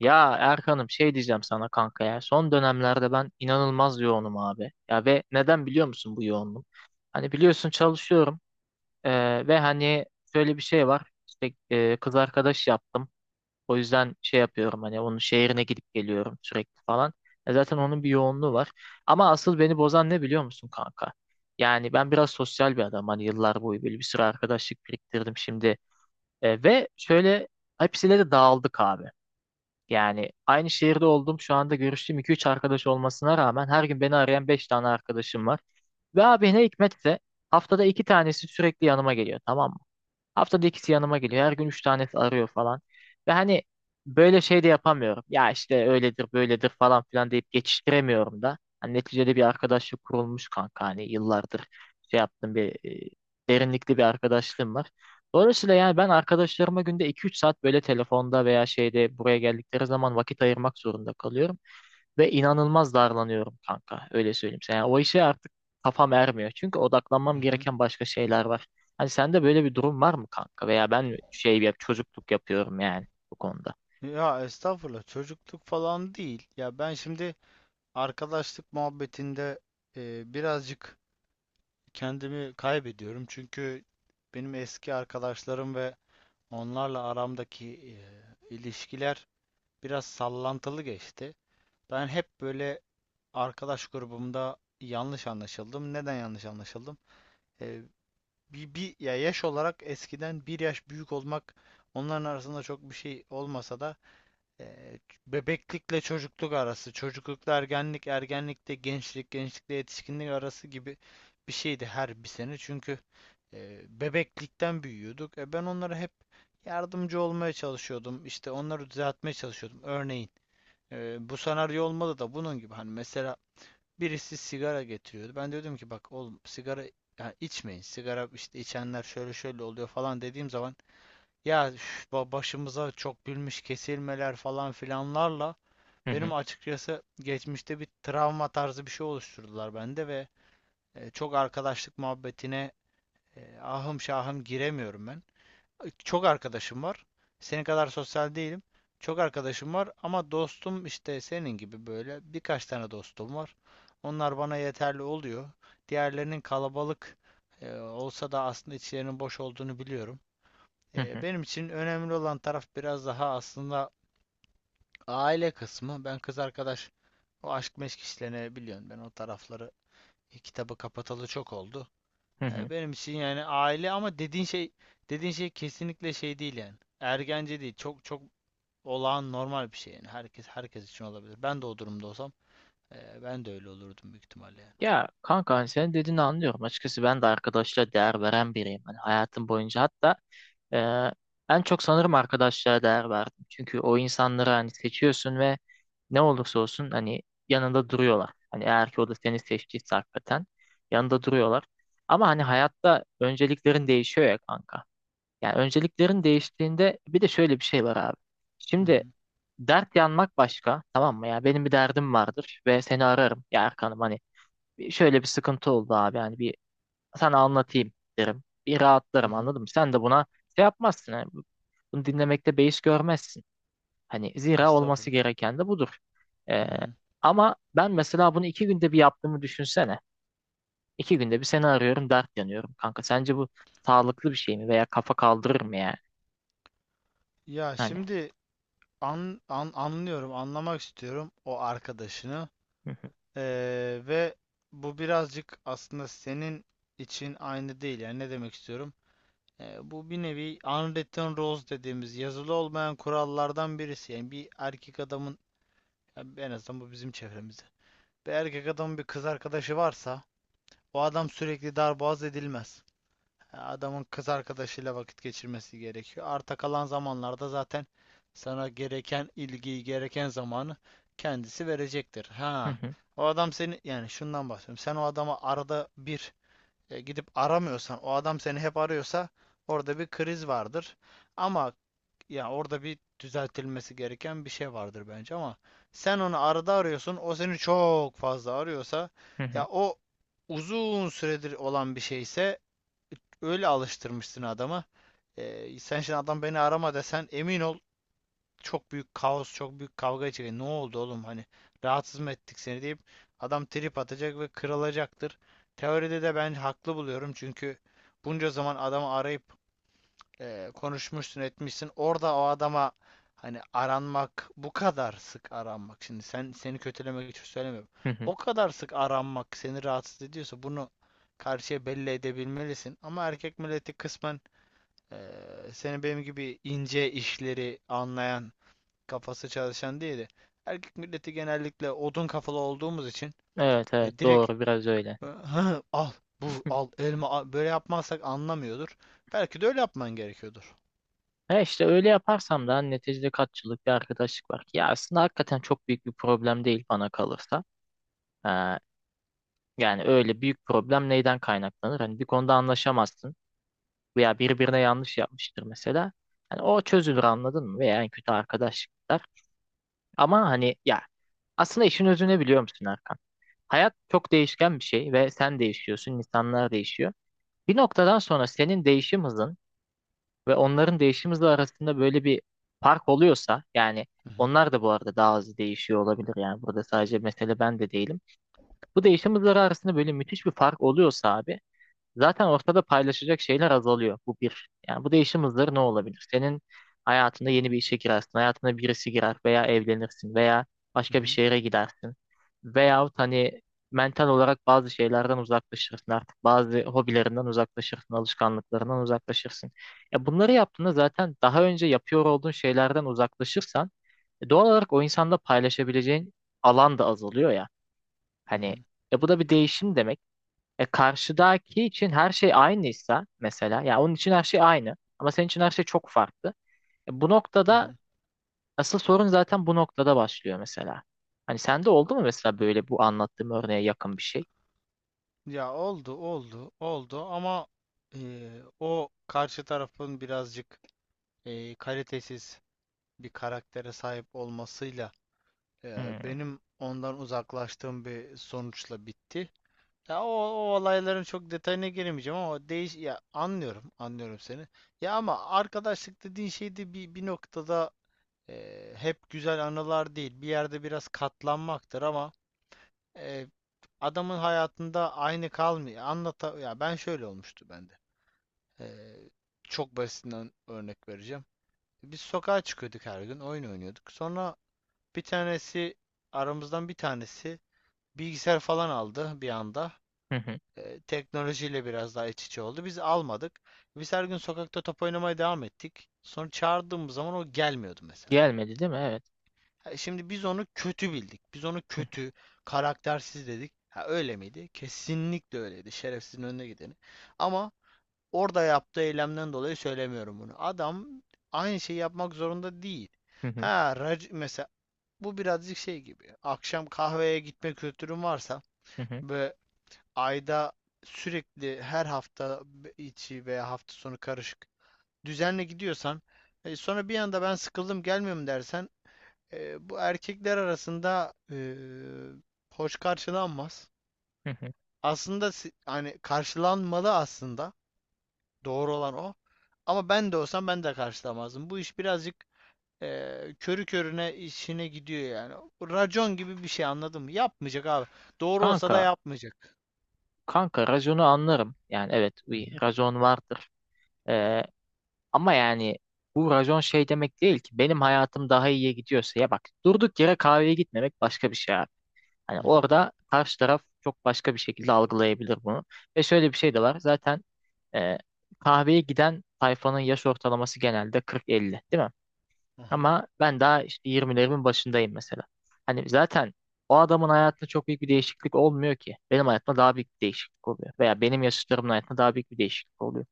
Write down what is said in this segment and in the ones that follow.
Ya Erkan'ım şey diyeceğim sana kanka ya. Son dönemlerde ben inanılmaz yoğunum abi. Ya ve neden biliyor musun bu yoğunluğum? Hani biliyorsun çalışıyorum ve hani şöyle bir şey var. İşte kız arkadaş yaptım. O yüzden şey yapıyorum hani onun şehrine gidip geliyorum sürekli falan. E zaten onun bir yoğunluğu var. Ama asıl beni bozan ne biliyor musun kanka? Yani ben biraz sosyal bir adam. Hani yıllar boyu böyle bir sürü arkadaşlık biriktirdim şimdi. Ve şöyle hepsiyle de dağıldık abi. Yani aynı şehirde olduğum şu anda görüştüğüm 2-3 arkadaş olmasına rağmen her gün beni arayan 5 tane arkadaşım var. Ve abi ne hikmetse haftada 2 tanesi sürekli yanıma geliyor, tamam mı? Haftada ikisi yanıma geliyor. Her gün üç tanesi arıyor falan. Ve hani böyle şey de yapamıyorum. Ya işte öyledir böyledir falan filan deyip geçiştiremiyorum da. Hani neticede bir arkadaşlık kurulmuş kanka. Hani yıllardır şey yaptım bir derinlikli bir arkadaşlığım var. Dolayısıyla yani ben arkadaşlarıma günde 2-3 saat böyle telefonda veya şeyde buraya geldikleri zaman vakit ayırmak zorunda kalıyorum. Ve inanılmaz darlanıyorum kanka. Öyle söyleyeyim sana. Yani o işe artık kafam ermiyor. Çünkü Hı odaklanmam hı. gereken başka şeyler var. Hani sende böyle bir durum var mı kanka? Veya ben mi şey yap çocukluk yapıyorum yani bu konuda. Ya estağfurullah çocukluk falan değil. Ya ben şimdi arkadaşlık muhabbetinde birazcık kendimi kaybediyorum. Çünkü benim eski arkadaşlarım ve onlarla aramdaki ilişkiler biraz sallantılı geçti. Ben hep böyle arkadaş grubumda yanlış anlaşıldım. Neden yanlış anlaşıldım? E, bir ya yaş olarak eskiden bir yaş büyük olmak onların arasında çok bir şey olmasa da E, bebeklikle çocukluk arası, çocuklukla ergenlik, ergenlikte gençlik, gençlikle yetişkinlik arası gibi bir şeydi her bir sene. Çünkü bebeklikten büyüyorduk. E, ben onlara hep yardımcı olmaya çalışıyordum. İşte onları düzeltmeye çalışıyordum. Örneğin bu senaryo olmadı da bunun gibi. Hani mesela birisi sigara getiriyordu. Ben de diyordum ki bak oğlum sigara ya içmeyin. Sigara işte içenler şöyle şöyle oluyor falan dediğim zaman ya üf, başımıza çok bilmiş kesilmeler falan filanlarla Hı benim hı, açıkçası geçmişte bir travma tarzı bir şey oluşturdular bende ve çok arkadaşlık muhabbetine ahım şahım giremiyorum ben. Çok arkadaşım var. Senin kadar sosyal değilim. Çok arkadaşım var ama dostum işte senin gibi böyle birkaç tane dostum var. Onlar bana yeterli oluyor. Diğerlerinin kalabalık olsa da aslında içlerinin boş olduğunu biliyorum. hı E, hı, benim için önemli olan taraf biraz daha aslında aile kısmı. Ben kız arkadaş, o aşk meşk işlerini biliyorsun. Ben o tarafları, kitabı kapatalı çok oldu. hı hı. E, benim için yani aile. Ama dediğin şey, dediğin şey kesinlikle şey değil yani. Ergence değil. Çok çok olağan normal bir şey yani. Herkes için olabilir. Ben de o durumda olsam ben de öyle olurdum büyük ihtimalle yani. Ya kanka hani senin dediğini anlıyorum. Açıkçası ben de arkadaşlara değer veren biriyim. Hani hayatım boyunca hatta en çok sanırım arkadaşlara değer verdim. Çünkü o insanları hani seçiyorsun ve ne olursa olsun hani yanında duruyorlar. Hani eğer ki o da seni seçtiyse hakikaten yanında duruyorlar. Ama hani hayatta önceliklerin değişiyor ya kanka. Yani önceliklerin değiştiğinde bir de şöyle bir şey var abi. Hı Şimdi hı. dert yanmak başka, tamam mı? Ya benim bir derdim vardır ve seni ararım ya Erkan'ım hani şöyle bir sıkıntı oldu abi yani bir sana anlatayım derim. Bir Hı rahatlarım hı. anladın mı? Sen de buna şey yapmazsın. Yani bunu dinlemekte beis görmezsin. Hani zira olması Estağfurullah. gereken de budur. Ee, Hı hı. Ama ben mesela bunu 2 günde bir yaptığımı düşünsene. 2 günde bir seni arıyorum, dert yanıyorum kanka. Sence bu sağlıklı bir şey mi veya kafa kaldırır mı yani? Ya Hani. şimdi anlıyorum, anlamak istiyorum o arkadaşını. Hı hı, Ve bu birazcık aslında senin için aynı değil. Yani ne demek istiyorum? Bu bir nevi unwritten rules dediğimiz yazılı olmayan kurallardan birisi. Yani bir erkek adamın, yani en azından bu bizim çevremizde. Bir erkek adamın bir kız arkadaşı varsa o adam sürekli darboğaz edilmez. Adamın kız arkadaşıyla vakit geçirmesi gerekiyor. Arta kalan zamanlarda zaten sana gereken ilgiyi, gereken zamanı kendisi verecektir. hı Ha, hı, o adam seni, yani şundan bahsediyorum. Sen o adama arada bir gidip aramıyorsan, o adam seni hep arıyorsa orada bir kriz vardır. Ama ya orada bir düzeltilmesi gereken bir şey vardır bence. Ama sen onu arada arıyorsun, o seni çok fazla arıyorsa, hı hı, ya o uzun süredir olan bir şeyse öyle alıştırmışsın adamı. Sen şimdi adam beni arama desen, emin ol çok büyük kaos, çok büyük kavga çıkacak. Ne oldu oğlum, hani rahatsız mı ettik seni deyip adam trip atacak ve kırılacaktır. Teoride de ben haklı buluyorum çünkü bunca zaman adamı arayıp konuşmuşsun etmişsin. Orada o adama hani aranmak, bu kadar sık aranmak. Şimdi sen, seni kötülemek için söylemiyorum. hı hı. O kadar sık aranmak seni rahatsız ediyorsa bunu karşıya belli edebilmelisin. Ama erkek milleti kısmen seni benim gibi ince işleri anlayan, kafası çalışan değildi. Erkek milleti genellikle odun kafalı olduğumuz için Evet evet, direkt, doğru biraz öyle. "Hı, al bu, al elma al." böyle yapmazsak anlamıyordur. Belki de öyle yapman gerekiyordur. E işte öyle yaparsam da hani, neticede katçılık bir arkadaşlık var. Ya aslında hakikaten çok büyük bir problem değil bana kalırsa. Ee, Yani öyle büyük problem neyden kaynaklanır? Hani bir konuda anlaşamazsın veya birbirine yanlış yapmıştır mesela. Hani o çözülür anladın mı? Veya en kötü arkadaşlıklar. Ama hani ya aslında işin özünü biliyor musun Erkan? Hayat çok değişken bir şey ve sen değişiyorsun, insanlar değişiyor. Bir noktadan sonra senin değişim hızın ve onların değişim hızı arasında böyle bir fark oluyorsa yani Hı hı, onlar da bu arada daha hızlı değişiyor olabilir, yani burada sadece mesele ben de değilim. Bu değişim hızları arasında böyle müthiş bir fark oluyorsa abi, zaten ortada paylaşacak şeyler azalıyor. Bu bir. Yani bu değişim hızları ne olabilir? Senin hayatında yeni bir işe girersin. Hayatına birisi girer veya evlenirsin veya hı başka bir hı, şehre gidersin. Veyahut hani mental olarak bazı şeylerden uzaklaşırsın artık. Bazı hobilerinden uzaklaşırsın, alışkanlıklarından uzaklaşırsın. Ya bunları yaptığında zaten daha önce yapıyor olduğun şeylerden uzaklaşırsan doğal olarak o insanda paylaşabileceğin alan da azalıyor ya. hı Hani hı, bu da bir değişim demek. E karşıdaki için her şey aynıysa mesela, ya onun için her şey aynı ama senin için her şey çok farklı. Bu hı noktada hı. asıl sorun zaten bu noktada başlıyor mesela. Hani sende oldu mu mesela böyle bu anlattığım örneğe yakın bir şey? Ya oldu oldu oldu ama, e, o karşı tarafın birazcık kalitesiz bir karaktere sahip olmasıyla Hmm, benim ondan uzaklaştığım bir sonuçla bitti. Ya o olayların çok detayına giremeyeceğim ama o değiş, ya anlıyorum seni. Ya ama arkadaşlık dediğin şey de bir noktada hep güzel anılar değil. Bir yerde biraz katlanmaktır ama e, adamın hayatında aynı kalmıyor. Anlata, ya ben, şöyle olmuştu bende. E, çok basitinden örnek vereceğim. Biz sokağa çıkıyorduk her gün, oyun oynuyorduk. Sonra bir tanesi, aramızdan bir tanesi bilgisayar falan aldı bir anda. hı hı. E, teknolojiyle biraz daha iç içe oldu. Biz almadık. Biz her gün sokakta top oynamaya devam ettik. Sonra çağırdığımız zaman o gelmiyordu mesela. Gelmedi değil mi? Evet. Ha, şimdi biz onu kötü bildik. Biz onu Hı kötü, karaktersiz dedik. Ha, öyle miydi? Kesinlikle öyleydi. Şerefsizin önüne gideni. Ama orada yaptığı eylemden dolayı söylemiyorum bunu. Adam aynı şeyi yapmak zorunda değil. hı, hı hı, Ha, mesela bu birazcık şey gibi. Akşam kahveye gitme kültürün varsa hı hı, ve ayda, sürekli, her hafta içi veya hafta sonu karışık düzenle gidiyorsan, sonra bir anda ben sıkıldım gelmiyorum dersen, bu erkekler arasında hoş karşılanmaz. hı. Aslında, hani karşılanmalı aslında, doğru olan o. Ama ben de olsam ben de karşılamazdım. Bu iş birazcık körü körüne işine gidiyor yani. Racon gibi bir şey anladın mı? Yapmayacak abi. Doğru olsa Kanka, da yapmayacak. kanka raconu anlarım. Yani evet Hı hı. bir racon vardır. E, Ama yani bu racon şey demek değil ki, benim hayatım daha iyiye gidiyorsa ya bak, durduk yere kahveye gitmemek başka bir şey abi. Hani Hı hı. orada karşı taraf çok başka bir şekilde algılayabilir bunu. Ve şöyle bir şey de var. Zaten e, kahveye giden tayfanın yaş ortalaması genelde 40-50, değil mi? Aha. Ama ben daha işte 20'lerimin başındayım mesela. Hani zaten o adamın hayatında çok büyük bir değişiklik olmuyor ki. Benim hayatımda daha büyük bir değişiklik oluyor. Veya benim yaşıtlarımın hayatında daha büyük bir değişiklik oluyor.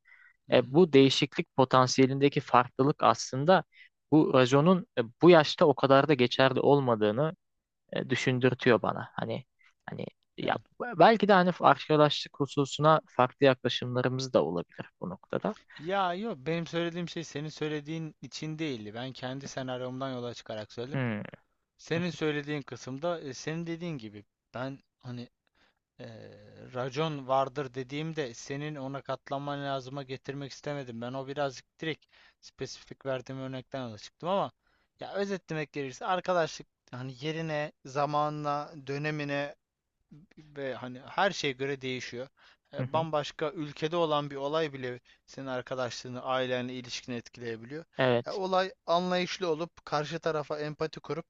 Hı hı. Hı. Bu değişiklik potansiyelindeki farklılık aslında bu raconun bu yaşta o kadar da geçerli olmadığını düşündürtüyor bana. Hani ya Yani, belki de hani arkadaşlık hususuna farklı yaklaşımlarımız da olabilir bu noktada. ya yok, benim söylediğim şey senin söylediğin için değildi. Ben kendi senaryomdan yola çıkarak söyledim. Hmm, Senin söylediğin kısımda, senin dediğin gibi ben hani e, racon vardır dediğimde senin ona katlanman lazıma getirmek istemedim. Ben o birazcık direkt, spesifik verdiğim örnekten yola çıktım. Ama ya özetlemek gerekirse arkadaşlık hani yerine, zamanına, dönemine ve hani her şeye göre değişiyor. hı hı. Bambaşka ülkede olan bir olay bile senin arkadaşlığını, ailenle ilişkini etkileyebiliyor. Evet. Olay, anlayışlı olup karşı tarafa empati kurup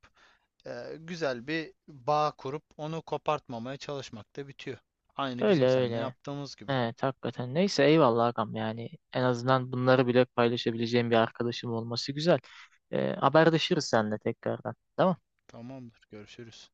güzel bir bağ kurup onu kopartmamaya çalışmakta bitiyor. Aynı Öyle bizim seninle öyle. yaptığımız gibi. Evet hakikaten. Neyse eyvallah agam, yani en azından bunları bile paylaşabileceğim bir arkadaşım olması güzel. Haberleşiriz seninle tekrardan. Tamam. Tamamdır, görüşürüz.